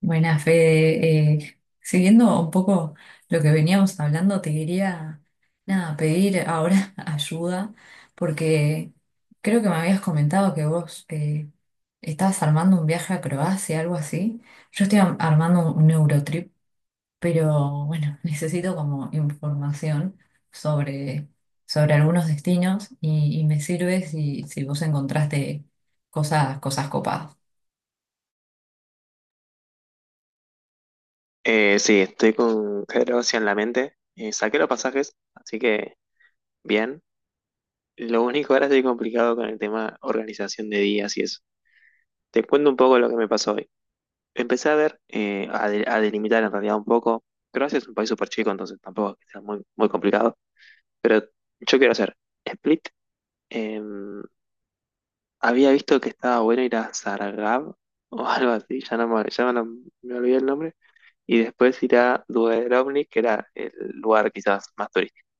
Buenas, Fede. Siguiendo un poco lo que veníamos hablando, te quería nada, pedir ahora ayuda, porque creo que me habías comentado que vos estabas armando un viaje a Croacia, algo así. Yo estoy armando un Eurotrip, pero bueno, necesito como información sobre, sobre algunos destinos y me sirve si vos encontraste cosas copadas. Sí, estoy con Pedro Ossi en la mente. Saqué los pasajes, así que bien. Lo único ahora estoy complicado con el tema organización de días y eso. Te cuento un poco lo que me pasó hoy. Empecé a ver, a delimitar en realidad un poco. Croacia es un país súper chico, entonces tampoco es que sea muy, muy complicado. Pero yo quiero hacer Split. em, Había visto que estaba bueno ir a Saragab o algo así, me olvidé el nombre. Y después ir a Dubrovnik, que era el lugar quizás más turístico.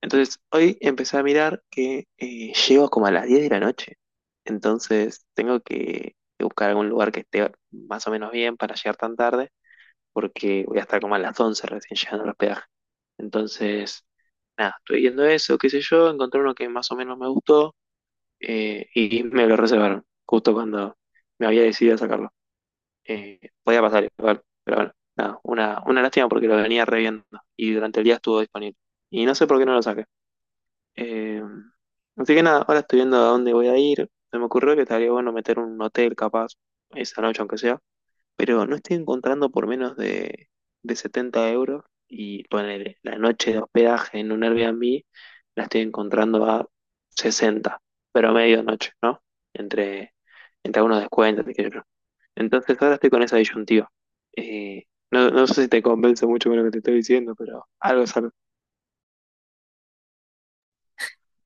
Entonces, hoy empecé a mirar que llego como a las 10 de la noche. Entonces, tengo que buscar algún lugar que esté más o menos bien para llegar tan tarde, porque voy a estar como a las 11 recién llegando al hospedaje. Entonces, nada, estoy viendo eso, qué sé yo, encontré uno que más o menos me gustó, y me lo reservaron, justo cuando me había decidido a sacarlo. Podía pasar igual, pero bueno, nada, una lástima porque lo venía reviendo y durante el día estuvo disponible. Y no sé por qué no lo saqué. Eh, Así que nada, ahora estoy viendo a dónde voy a ir. Se me ocurrió que estaría bueno meter un hotel capaz esa noche, aunque sea. Pero no estoy encontrando por menos de 70 euros. Y poner la noche de hospedaje en un Airbnb la estoy encontrando a 60 pero medianoche, ¿no? Entre, entre algunos descuentos, qué sé yo. Entonces ahora estoy con esa disyuntiva. Eh, no, no sé si te convence mucho con lo que te estoy diciendo, pero algo es algo.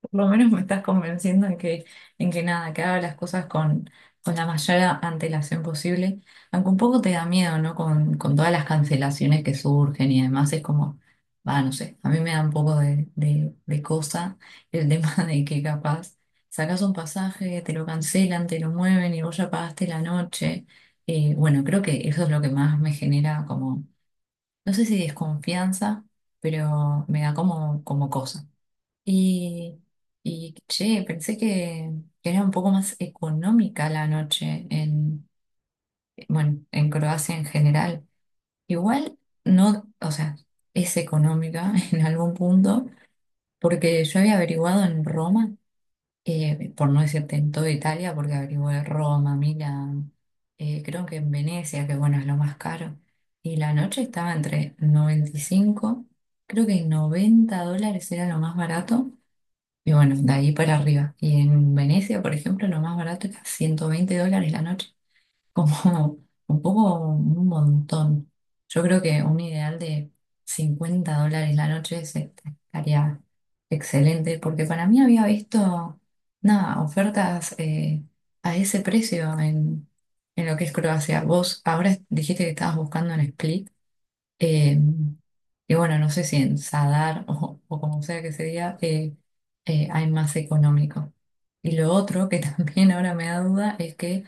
Por lo menos me estás convenciendo en en que nada, que haga las cosas con la mayor antelación posible, aunque un poco te da miedo, ¿no? Con todas las cancelaciones que surgen y demás, es como, va, no sé, a mí me da un poco de cosa el tema de que capaz sacas un pasaje, te lo cancelan, te lo mueven y vos ya pagaste la noche. Bueno, creo que eso es lo que más me genera como, no sé si desconfianza, pero me da como, como cosa. Y, y che, pensé que era un poco más económica la noche en, bueno, en Croacia en general. Igual no, o sea, es económica en algún punto, porque yo había averiguado en Roma, por no decirte en toda Italia, porque averigué Roma, Milán, creo que en Venecia, que bueno, es lo más caro. Y la noche estaba entre 95, creo que 90 dólares era lo más barato y bueno, de ahí para arriba. Y en Venecia, por ejemplo, lo más barato era 120 dólares la noche. Como un poco, un montón. Yo creo que un ideal de 50 dólares la noche estaría excelente, porque para mí había visto, nada, ofertas a ese precio en lo que es Croacia. Vos ahora dijiste que estabas buscando en Split. Eh, y bueno, no sé si en Sadar o como sea que se diga, hay más económico. Y lo otro que también ahora me da duda es que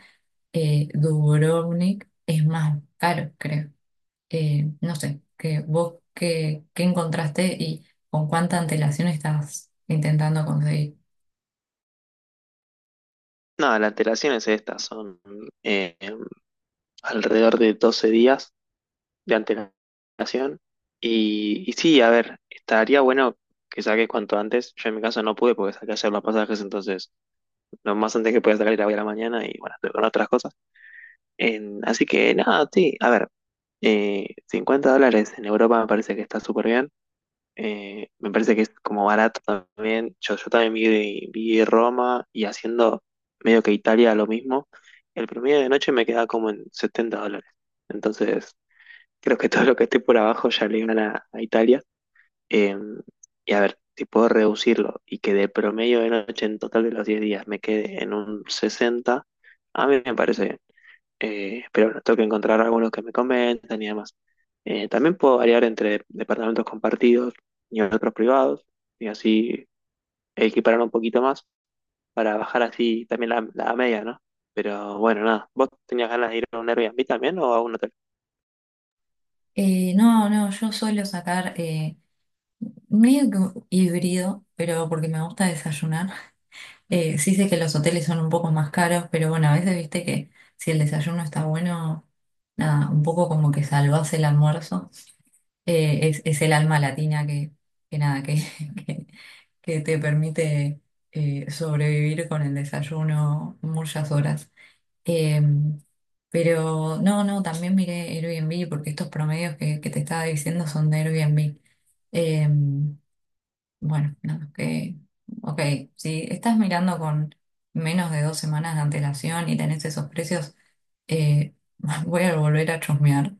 Dubrovnik es más caro, creo. No sé, que vos qué, qué encontraste y con cuánta antelación estás intentando conseguir. No, las antelación es esta, son alrededor de 12 días de antelación. Y sí, a ver, estaría bueno que saques cuanto antes. Yo en mi caso no pude porque saqué ayer los pasajes, entonces lo más antes que podía sacar era hoy a la mañana y bueno, estoy con otras cosas. Así que nada, sí, a ver, $50 en Europa me parece que está súper bien. Me parece que es como barato también. Yo también vi Roma y haciendo medio que Italia lo mismo. El promedio de noche me queda como en $70. Entonces, creo que todo lo que esté por abajo ya le iban a Italia. Eh, y a ver, si puedo reducirlo y que del promedio de noche en total de los 10 días me quede en un 60 a mí me parece bien. Pero bueno, tengo que encontrar algunos que me comentan y demás. También puedo variar entre departamentos compartidos y otros privados, y así equiparar un poquito más para bajar así también la media, ¿no? Pero bueno, nada. ¿Vos tenías ganas de ir a un Airbnb también o a uno? No, no, yo suelo sacar medio que híbrido, pero porque me gusta desayunar. Sí sé que los hoteles son un poco más caros, pero bueno, a veces viste que si el desayuno está bueno, nada, un poco como que salvás el almuerzo. Es el alma latina que nada, que, que, que te permite sobrevivir con el desayuno muchas horas. Eh, pero no, no, también miré Airbnb porque estos promedios que te estaba diciendo son de Airbnb. Em, bueno, nada, que, ok, si estás mirando con menos de 2 semanas de antelación y tenés esos precios, eh, voy a volver a chusmear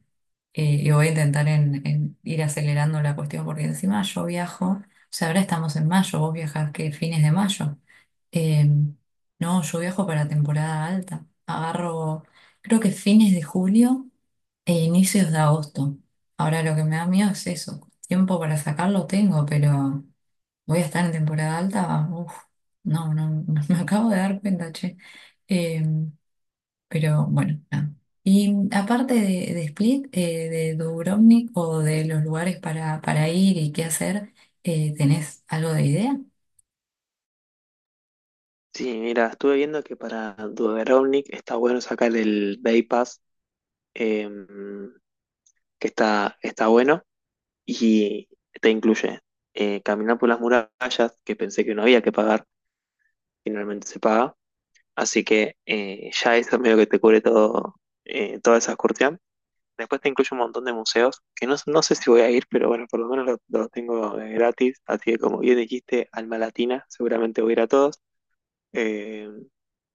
y voy a intentar en ir acelerando la cuestión porque encima yo viajo, o sea, ahora estamos en mayo, vos viajás que fines de mayo. Eh, no, yo viajo para temporada alta, agarro creo que fines de julio e inicios de agosto. Ahora lo que me da miedo es eso, tiempo para sacarlo tengo, pero voy a estar en temporada alta, uf, no, no, no, me acabo de dar cuenta, che. Eh, pero bueno, nada. Y aparte de Split, de Dubrovnik o de los lugares para ir y qué hacer, ¿tenés algo de idea? Sí, mira, estuve viendo que para Dudovnik está bueno sacar el Bay Pass, eh, que está bueno, y te incluye caminar por las murallas, que pensé que no había que pagar, finalmente se paga, así que ya eso medio que te cubre todo, toda esa excursión. Después te incluye un montón de museos, que no, no sé si voy a ir, pero bueno, por lo menos los tengo gratis, así que como bien dijiste, alma latina, seguramente voy a ir a todos. Em,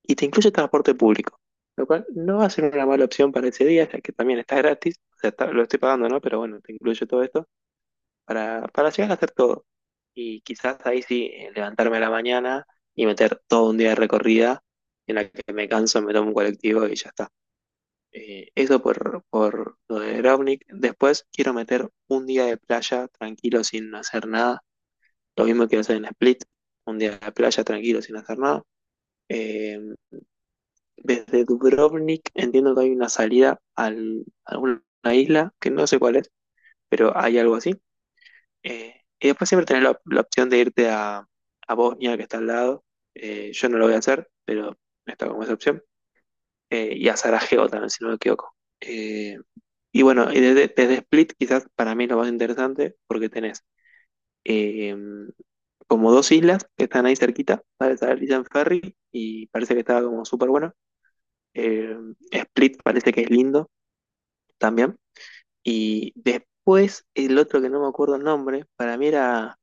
y te incluye transporte público, lo cual no va a ser una mala opción para ese día, ya que también está gratis, o sea, lo estoy pagando, ¿no? Pero bueno, te incluye todo esto para llegar a hacer todo. Y quizás ahí sí, levantarme a la mañana y meter todo un día de recorrida en la que me canso, me tomo un colectivo y ya está. Eso por lo de Dubrovnik. Después quiero meter un día de playa tranquilo sin hacer nada. Lo mismo quiero hacer en Split, un día de playa tranquilo sin hacer nada. Eh, Desde Dubrovnik entiendo que hay una salida a alguna isla, que no sé cuál es, pero hay algo así. Y después siempre tenés la opción de irte a Bosnia, que está al lado. Yo no lo voy a hacer, pero no está como esa opción. Y a Sarajevo también, si no me equivoco. Eh, y bueno, y desde Split quizás para mí es lo más interesante porque tenés eh, como dos islas que están ahí cerquita para salir en ferry y parece que está como súper bueno. Eh, Split parece que es lindo, también. Y después el otro que no me acuerdo el nombre, para mí era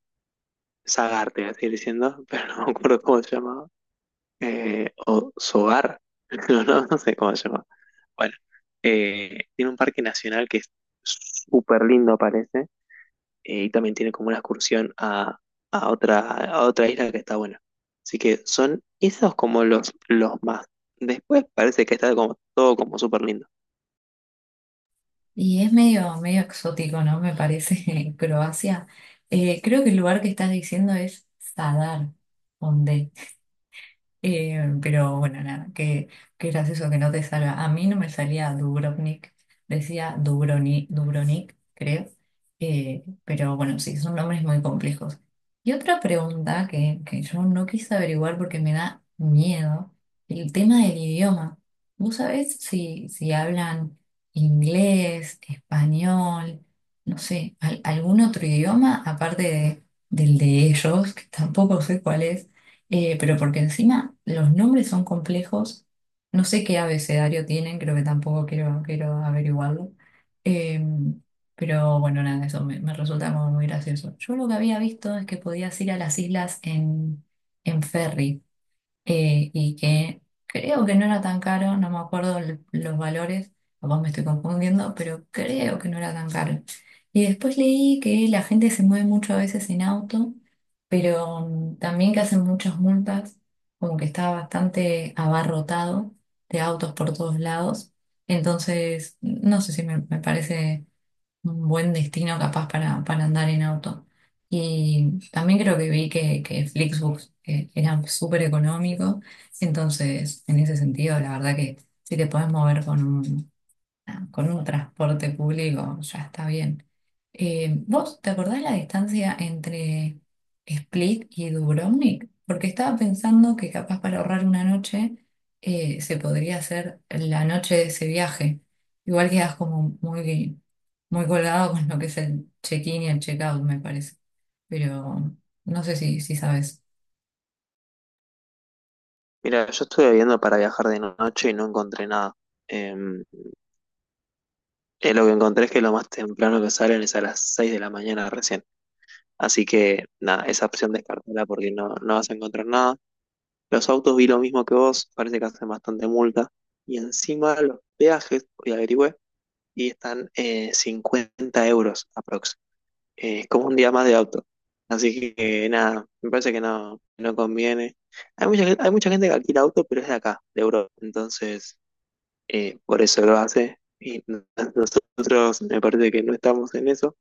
Zagarte, voy a seguir diciendo, pero no me acuerdo cómo se llamaba. O Sogar, no, no, no sé cómo se llamaba. Bueno, tiene un parque nacional que es súper lindo, parece, y también tiene como una excursión a otra isla que está buena. Así que son esos como los más. Después parece que está como todo como súper lindo. Y es medio, medio exótico, ¿no? Me parece Croacia. Creo que el lugar que estás diciendo es Zadar. Pero bueno, nada, qué, qué gracioso que no te salga. A mí no me salía Dubrovnik, decía Dubroni, Dubrovnik, creo. Pero bueno, sí, son nombres muy complejos. Y otra pregunta que yo no quise averiguar porque me da miedo, el tema del idioma. ¿Vos sabés si hablan inglés, español, no sé, algún otro idioma aparte de, del de ellos, que tampoco sé cuál es? Pero porque encima los nombres son complejos, no sé qué abecedario tienen, creo que tampoco quiero, quiero averiguarlo. Eh, pero bueno, nada, eso me, me resulta como muy gracioso. Yo lo que había visto es que podías ir a las islas en ferry y que creo que no era tan caro, no me acuerdo los valores, capaz me estoy confundiendo, pero creo que no era tan caro. Y después leí que la gente se mueve mucho a veces en auto, pero también que hacen muchas multas, como que está bastante abarrotado de autos por todos lados. Entonces, no sé si me, me parece un buen destino capaz para andar en auto. Y también creo que vi que Flixbus era súper económico, entonces en ese sentido la verdad que si te podés mover con un, ah, con un transporte público ya está bien. ¿Vos te acordás la distancia entre Split y Dubrovnik? Porque estaba pensando que capaz para ahorrar una noche se podría hacer la noche de ese viaje. Igual quedas como muy, muy colgado con lo que es el check-in y el check-out, me parece. Pero no sé si sabes. Mira, yo estuve viendo para viajar de noche y no encontré nada. Eh, lo que encontré es que lo más temprano que salen es a las 6 de la mañana recién. Así que nada, esa opción descartala porque no, no vas a encontrar nada. Los autos vi lo mismo que vos, parece que hacen bastante multa. Y encima los peajes, hoy averigüé, y están 50 € aprox. Es como un día más de auto. Así que nada, me parece que no, no conviene. Hay mucha gente que alquila auto, pero es de acá, de Europa. Entonces, por eso lo hace. Nosotros me parece que no estamos en eso,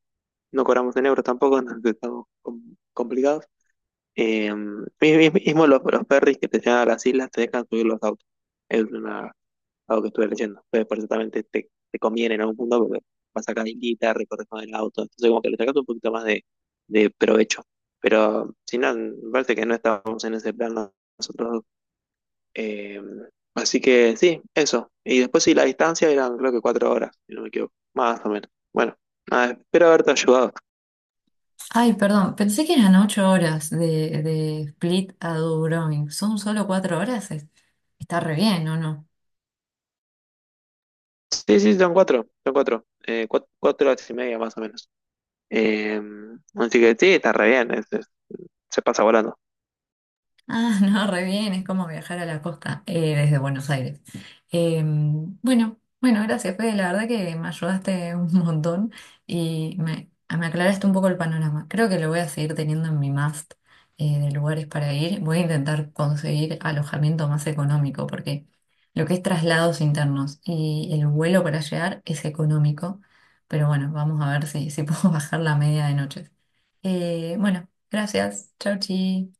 no cobramos en euros tampoco, entonces estamos complicados. Eh, mi- Mismo los ferries que te llevan a las islas te dejan subir los autos. Es una, Algo que estuve leyendo. Entonces, por eso también te conviene en algún punto porque vas acá guita, recorres con el auto. Entonces, como que le sacas un poquito más de provecho. Pero si no, me parece que no estamos en ese plan nosotros dos. Eh, Así que sí, eso. Y después sí, la distancia eran creo que 4 horas, si no me equivoco, más o menos. Bueno, nada, espero haberte ayudado. Ay, perdón, pensé que eran 8 horas de Split a Dubrovnik. ¿Son solo 4 horas? Es- está re bien, ¿o no? Sí, sí, son cuatro horas y media más o menos. Eh, Así que sí, está re bien, se pasa volando. Ah, no, re bien, es como viajar a la costa desde Buenos Aires. Bueno, bueno, gracias, Fede, la verdad que me ayudaste un montón y me aclaraste un poco el panorama. Creo que lo voy a seguir teniendo en mi must de lugares para ir. Voy a intentar conseguir alojamiento más económico porque lo que es traslados internos y el vuelo para llegar es económico, pero bueno, vamos a ver si puedo bajar la media de noches. Bueno, gracias, chau, chi.